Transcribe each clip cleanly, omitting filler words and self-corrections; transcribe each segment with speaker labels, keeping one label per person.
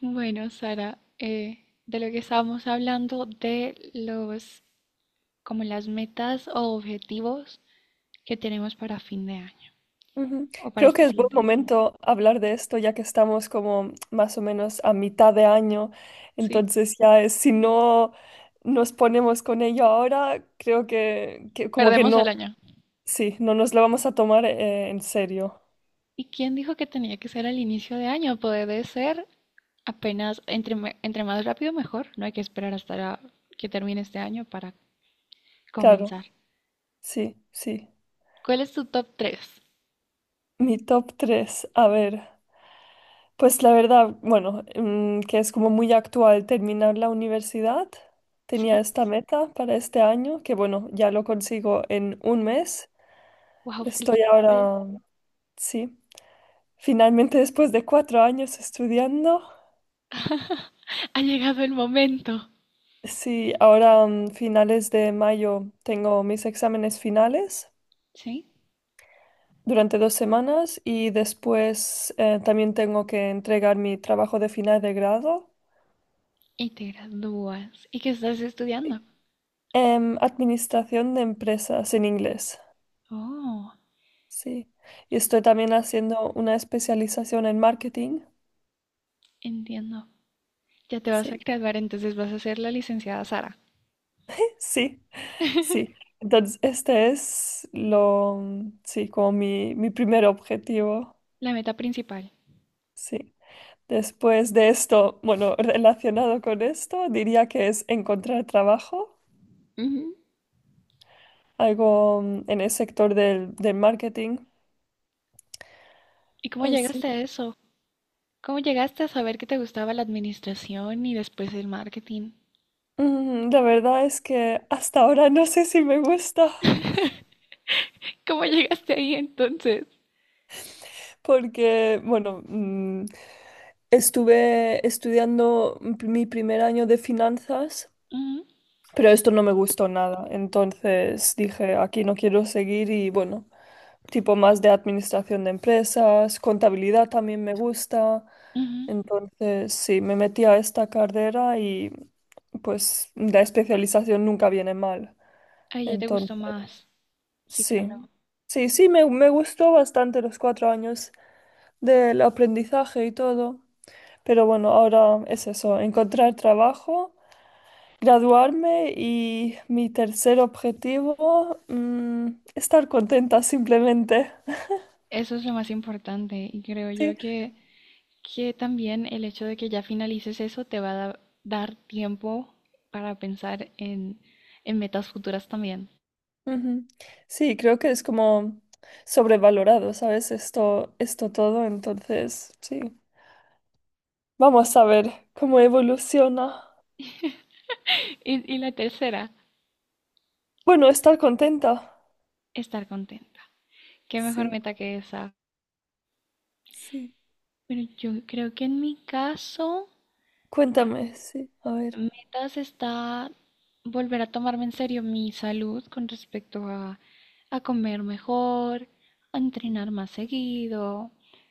Speaker 1: Bueno, Sara, de lo que estábamos hablando, como las metas o objetivos que tenemos para fin de año
Speaker 2: Ujú.
Speaker 1: o para
Speaker 2: Creo que
Speaker 1: este
Speaker 2: es buen
Speaker 1: siguiente año.
Speaker 2: momento hablar de esto ya que estamos como más o menos a mitad de año,
Speaker 1: Sí,
Speaker 2: entonces ya si no nos ponemos con ello ahora, creo que como que
Speaker 1: perdemos el
Speaker 2: no,
Speaker 1: año.
Speaker 2: sí, no nos lo vamos a tomar en serio,
Speaker 1: ¿Y quién dijo que tenía que ser al inicio de año? Puede ser apenas, entre más rápido mejor. No hay que esperar hasta que termine este año para
Speaker 2: claro,
Speaker 1: comenzar.
Speaker 2: sí, sí.
Speaker 1: ¿Cuál es tu top tres?
Speaker 2: Mi top 3 a ver, pues la verdad, bueno, que es como muy actual terminar la universidad, tenía
Speaker 1: Sí,
Speaker 2: esta meta para este año, que bueno, ya lo consigo en un mes.
Speaker 1: wow,
Speaker 2: Estoy
Speaker 1: felicidades.
Speaker 2: ahora, sí, finalmente después de 4 años estudiando,
Speaker 1: Ha llegado el momento.
Speaker 2: sí, ahora finales de mayo tengo mis exámenes finales
Speaker 1: Sí,
Speaker 2: durante 2 semanas y después también tengo que entregar mi trabajo de final de grado
Speaker 1: y te gradúas. ¿Y qué estás estudiando?
Speaker 2: en Administración de Empresas en inglés,
Speaker 1: Oh,
Speaker 2: sí. Y estoy también haciendo una especialización en marketing,
Speaker 1: entiendo. Ya te vas a
Speaker 2: sí,
Speaker 1: graduar, entonces vas a ser la licenciada Sara,
Speaker 2: sí. Sí, entonces este es lo, sí, como mi primer objetivo,
Speaker 1: la meta principal.
Speaker 2: sí. Después de esto, bueno, relacionado con esto, diría que es encontrar trabajo,
Speaker 1: Ujú.
Speaker 2: algo en el sector del marketing.
Speaker 1: ¿Y cómo
Speaker 2: Así.
Speaker 1: llegaste a eso? ¿Cómo llegaste a saber que te gustaba la administración y después el marketing?
Speaker 2: La verdad es que hasta ahora no sé si me gusta,
Speaker 1: ¿Cómo llegaste ahí entonces?
Speaker 2: porque, bueno, estuve estudiando mi primer año de finanzas.
Speaker 1: Ujú,
Speaker 2: Pero esto no me gustó nada. Entonces dije, aquí no quiero seguir y bueno, tipo más de administración de empresas, contabilidad también me gusta.
Speaker 1: ujú.
Speaker 2: Entonces sí, me metí a esta carrera y pues la especialización nunca viene mal.
Speaker 1: Ahí ya te gustó
Speaker 2: Entonces
Speaker 1: más. Sí, claro.
Speaker 2: sí, sí, sí, me gustó bastante los 4 años del aprendizaje y todo. Pero bueno, ahora es eso, encontrar trabajo graduarme y mi tercer objetivo, estar contenta simplemente.
Speaker 1: Eso es lo más importante y creo
Speaker 2: Sí,
Speaker 1: yo que también el hecho de que ya finalices eso te va a dar tiempo para pensar en metas futuras también.
Speaker 2: ujú. Sí, creo que es como sobrevalorado, ¿sabes? Esto todo, entonces, sí. Vamos a ver cómo evoluciona.
Speaker 1: Y la tercera,
Speaker 2: Bueno, estar contenta.
Speaker 1: estar contenta. ¿Qué mejor
Speaker 2: Sí,
Speaker 1: meta que esa?
Speaker 2: sí.
Speaker 1: Bueno, yo creo que en mi caso, r-
Speaker 2: Cuéntame, sí, a ver.
Speaker 1: metas está volver a tomarme en serio mi salud con respecto a comer mejor, a entrenar más seguido,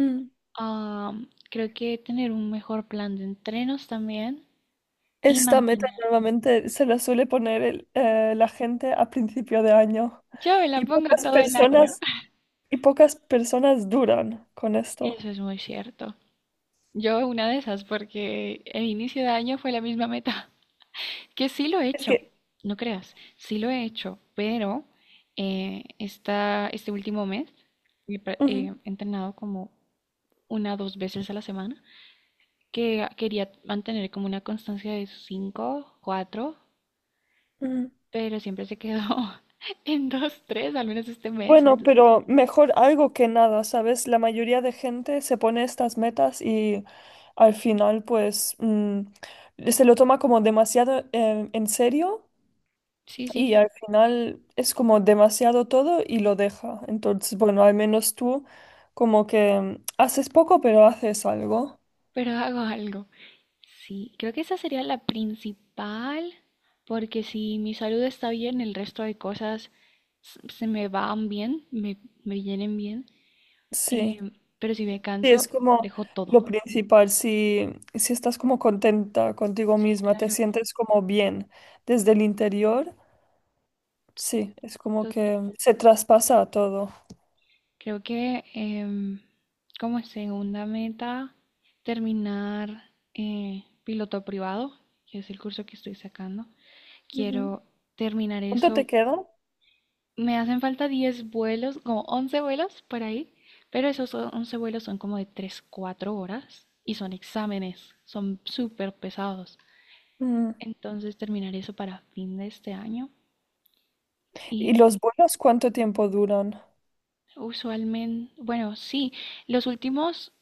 Speaker 2: Mm.
Speaker 1: a, creo que tener un mejor plan de entrenos también y
Speaker 2: Esta meta
Speaker 1: mantener.
Speaker 2: normalmente se la suele poner la gente a principio de año.
Speaker 1: Yo me la
Speaker 2: Y
Speaker 1: pongo
Speaker 2: pocas
Speaker 1: todo el año.
Speaker 2: personas Y pocas personas duran con esto.
Speaker 1: Eso es muy cierto. Yo una de esas porque el inicio de año fue la misma meta. Que sí lo he
Speaker 2: Es
Speaker 1: hecho,
Speaker 2: que,
Speaker 1: no creas, sí lo he hecho, pero este último mes he pra- eh,
Speaker 2: ujú,
Speaker 1: he entrenado como una o dos veces a la semana, que quería mantener como una constancia de cinco, cuatro,
Speaker 2: ujú.
Speaker 1: pero siempre se quedó en dos, tres, al menos este mes,
Speaker 2: Bueno,
Speaker 1: entonces
Speaker 2: pero mejor algo que nada, ¿sabes? La mayoría de gente se pone estas metas y al final, pues, se lo toma como demasiado en serio
Speaker 1: sí,
Speaker 2: y
Speaker 1: sí,
Speaker 2: al final es como demasiado todo y lo deja. Entonces, bueno, al menos tú como que haces poco, pero haces algo.
Speaker 1: pero hago algo. Sí, creo que esa sería la principal, porque si mi salud está bien, el resto de cosas se me van bien, me vienen bien.
Speaker 2: Sí.
Speaker 1: Em, pero si me
Speaker 2: Sí, es
Speaker 1: canso,
Speaker 2: como
Speaker 1: dejo
Speaker 2: lo
Speaker 1: todo.
Speaker 2: principal, si estás como contenta contigo
Speaker 1: Sí,
Speaker 2: misma, te
Speaker 1: claro,
Speaker 2: sientes como bien desde el interior, sí, es como
Speaker 1: total.
Speaker 2: que se traspasa todo.
Speaker 1: Creo que como segunda meta, terminar piloto privado, que es el curso que estoy sacando.
Speaker 2: Ujú.
Speaker 1: Quiero terminar
Speaker 2: ¿Cuánto te
Speaker 1: eso.
Speaker 2: queda?
Speaker 1: Me hacen falta 10 vuelos, como 11 vuelos por ahí, pero esos 11 vuelos son como de 3, 4 horas y son exámenes, son súper pesados.
Speaker 2: Mm.
Speaker 1: Entonces terminar eso para fin de este año
Speaker 2: ¿Y
Speaker 1: y
Speaker 2: los vuelos cuánto tiempo duran?
Speaker 1: usualmente, bueno, sí, los últimos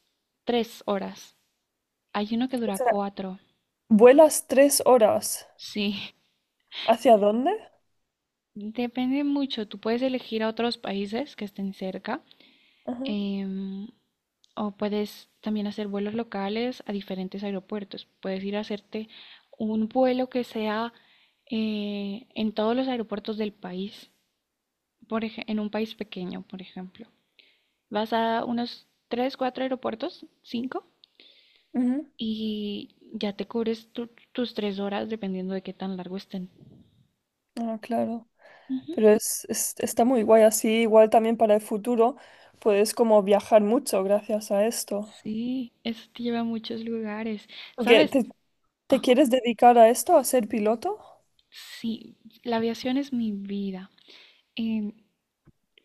Speaker 1: 3 horas. Hay uno que
Speaker 2: O
Speaker 1: dura
Speaker 2: sea,
Speaker 1: 4,
Speaker 2: vuelas 3 horas.
Speaker 1: sí.
Speaker 2: ¿Hacia dónde?
Speaker 1: Depende mucho, tú puedes elegir a otros países que estén cerca.
Speaker 2: Ajá.
Speaker 1: Em, o puedes también hacer vuelos locales a diferentes aeropuertos. Puedes ir a hacerte un vuelo que sea en todos los aeropuertos del país, en un país pequeño, por ejemplo. Vas a unos 3 4 aeropuertos, 5
Speaker 2: Ujú.
Speaker 1: y ya te cubres tus 3 horas dependiendo de qué tan largo estén.
Speaker 2: Ah, claro.
Speaker 1: Ujú.
Speaker 2: Pero está muy guay así, igual también para el futuro puedes como viajar mucho gracias a esto.
Speaker 1: Sí, eso te lleva a muchos lugares.
Speaker 2: Porque
Speaker 1: ¿Sabes?
Speaker 2: te, ¿Te
Speaker 1: Ajá.
Speaker 2: quieres dedicar a esto, a ser piloto?
Speaker 1: Sí, la aviación es mi vida. Em,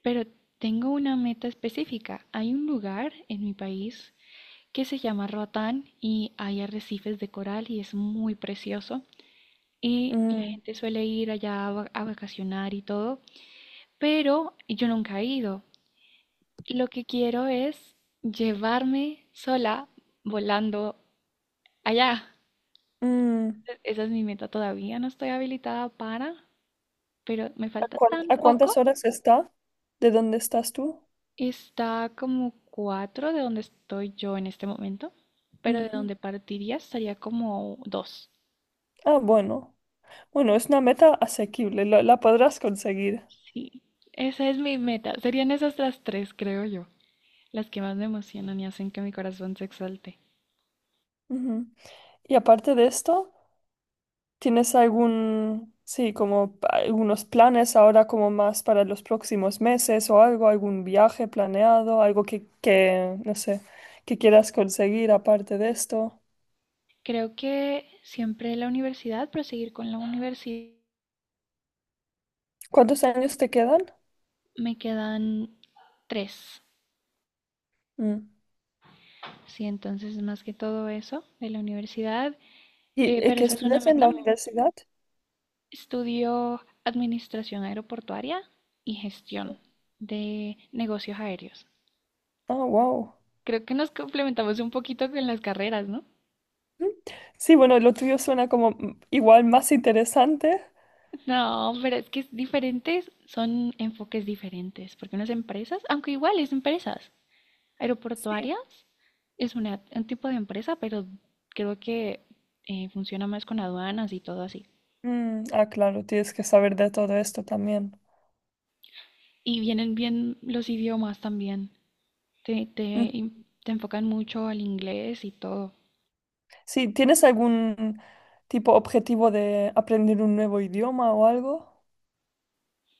Speaker 1: Pero tengo una meta específica. Hay un lugar en mi país que se llama Roatán y hay arrecifes de coral y es muy precioso. Y la
Speaker 2: Mm,
Speaker 1: gente suele ir allá a vacacionar y todo, pero yo nunca he ido. Lo que quiero es llevarme sola volando allá.
Speaker 2: mm.
Speaker 1: Esa es mi meta todavía, no estoy habilitada para, pero me
Speaker 2: ¿A
Speaker 1: falta tan
Speaker 2: a cuántas
Speaker 1: poco.
Speaker 2: horas está de dónde estás tú?
Speaker 1: Está como cuatro de donde estoy yo en este momento, pero de
Speaker 2: Ujú.
Speaker 1: donde partiría estaría como dos.
Speaker 2: Ah, bueno. Bueno, es una meta asequible, la podrás conseguir.
Speaker 1: Sí, esa es mi meta. Serían esas las tres, creo yo, las que más me emocionan y hacen que mi corazón se exalte.
Speaker 2: Ujú. Y aparte de esto, ¿tienes algún, sí, como algunos planes ahora como más para los próximos meses o algo, algún viaje planeado, algo que, no sé, que quieras conseguir aparte de esto?
Speaker 1: Creo que siempre la universidad, proseguir con la universidad,
Speaker 2: ¿Cuántos años te quedan?
Speaker 1: me quedan tres.
Speaker 2: Mm.
Speaker 1: Sí, entonces más que todo eso de la universidad,
Speaker 2: ¿Y, y
Speaker 1: pero
Speaker 2: que
Speaker 1: esa es una
Speaker 2: estudias en
Speaker 1: meta.
Speaker 2: la universidad?
Speaker 1: Estudió Administración Aeroportuaria y Gestión de Negocios Aéreos.
Speaker 2: Ah, wow.
Speaker 1: Creo que nos complementamos un poquito con las carreras, ¿no?
Speaker 2: Mm. Sí, bueno, lo tuyo suena como igual más interesante.
Speaker 1: No, pero es que es diferentes, son enfoques diferentes, porque unas empresas, aunque igual es empresas,
Speaker 2: Sí.
Speaker 1: aeroportuarias es un tipo de empresa, pero creo que funciona más con aduanas y todo así.
Speaker 2: Mm, ah, claro, tienes que saber de todo esto también.
Speaker 1: Y vienen bien los idiomas también, te,
Speaker 2: Mm.
Speaker 1: te, te enfocan mucho al inglés y todo.
Speaker 2: Sí, ¿tienes algún tipo objetivo de aprender un nuevo idioma o algo?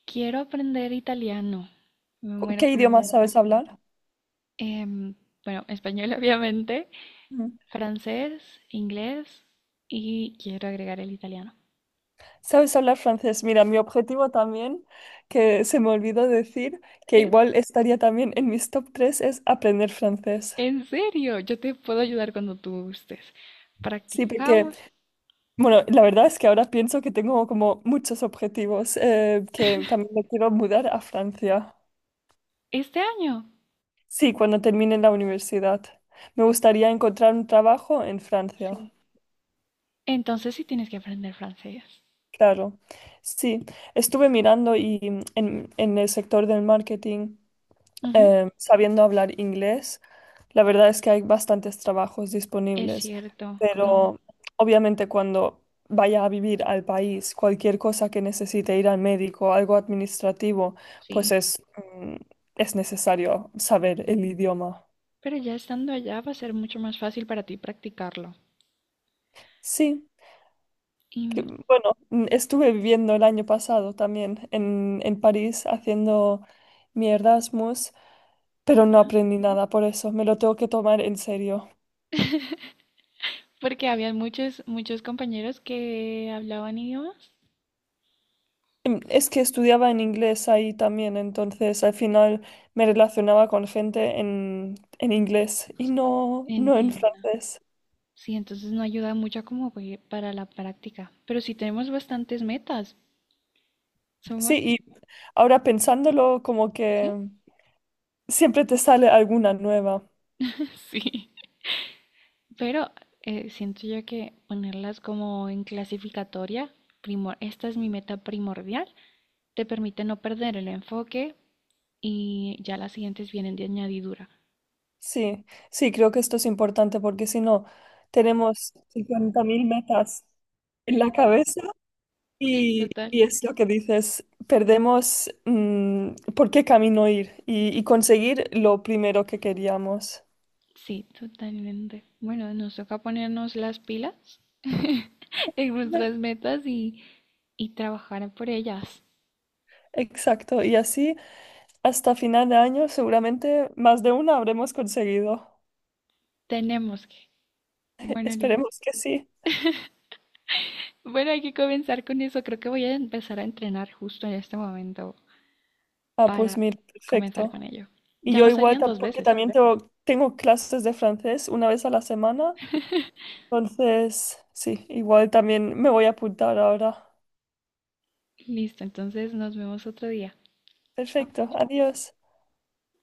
Speaker 1: Quiero aprender italiano. Me muero
Speaker 2: ¿Qué
Speaker 1: por
Speaker 2: idioma, mira, sabes
Speaker 1: aprender.
Speaker 2: hablar?
Speaker 1: Em, bueno, español obviamente,
Speaker 2: Mm.
Speaker 1: francés, inglés y quiero agregar el italiano.
Speaker 2: ¿Sabes hablar francés? Mira, mi objetivo también, que se me olvidó decir, que
Speaker 1: Eh,
Speaker 2: igual estaría también en mis top 3 es aprender francés.
Speaker 1: En serio, yo te puedo ayudar cuando tú gustes.
Speaker 2: Sí, porque,
Speaker 1: Practicamos
Speaker 2: bueno, la verdad es que ahora pienso que tengo como muchos objetivos, que también me quiero mudar a Francia.
Speaker 1: este año.
Speaker 2: Sí, cuando termine la universidad. Me gustaría encontrar un trabajo en Francia.
Speaker 1: Sí. Entonces sí tienes que aprender francés.
Speaker 2: Claro, sí, estuve mirando y en, el sector del marketing,
Speaker 1: Ujú,
Speaker 2: sabiendo hablar inglés, la verdad es que hay bastantes trabajos
Speaker 1: es
Speaker 2: disponibles,
Speaker 1: cierto, con.
Speaker 2: pero obviamente cuando vaya a vivir al país, cualquier cosa que necesite ir al médico, algo administrativo, pues
Speaker 1: Sí.
Speaker 2: mm, es necesario saber el idioma.
Speaker 1: Pero ya estando allá va a ser mucho más fácil para ti practicarlo.
Speaker 2: Sí,
Speaker 1: Y,
Speaker 2: bueno, estuve viviendo el año pasado también en, París haciendo mi Erasmus. Pero no
Speaker 1: Ajá.
Speaker 2: aprendí nada por eso, me lo tengo que tomar en serio.
Speaker 1: Porque habían muchos, muchos compañeros que hablaban idiomas.
Speaker 2: Es que estudiaba en inglés ahí también, entonces al final me relacionaba con gente en inglés y no, no en
Speaker 1: Entiendo.
Speaker 2: francés.
Speaker 1: Sí, entonces no ayuda mucho como pues, para la práctica. Pero sí tenemos bastantes metas. Somos,
Speaker 2: Sí, y ahora pensándolo como
Speaker 1: ¿sí?
Speaker 2: que siempre te sale alguna nueva.
Speaker 1: Sí. Pero siento yo que ponerlas como en clasificatoria, primor, esta es mi meta primordial, te permite no perder el enfoque y ya las siguientes vienen de añadidura.
Speaker 2: Sí, sí, creo que esto es importante porque si no, tenemos 50.000 metas en la cabeza.
Speaker 1: Sí,
Speaker 2: Y,
Speaker 1: total.
Speaker 2: y es lo que dices, perdemos por qué camino ir y conseguir lo primero que queríamos.
Speaker 1: Sí, totalmente. Bueno, nos toca ponernos las pilas en nuestras metas y trabajar por ellas.
Speaker 2: Exacto, y así hasta final de año seguramente más de una habremos conseguido.
Speaker 1: Tenemos que. Bueno, Liz.
Speaker 2: Esperemos que sí.
Speaker 1: Bueno, hay que comenzar con eso. Creo que voy a empezar a entrenar justo en este momento
Speaker 2: Ah, pues
Speaker 1: para
Speaker 2: mira,
Speaker 1: comenzar
Speaker 2: perfecto.
Speaker 1: con ello.
Speaker 2: Y
Speaker 1: Ya
Speaker 2: yo
Speaker 1: no
Speaker 2: igual,
Speaker 1: serían dos
Speaker 2: porque
Speaker 1: veces.
Speaker 2: también tengo, clases de francés una vez a la semana, entonces sí, igual también me voy a apuntar ahora.
Speaker 1: Listo, entonces nos vemos otro día. Chao.
Speaker 2: Perfecto, adiós.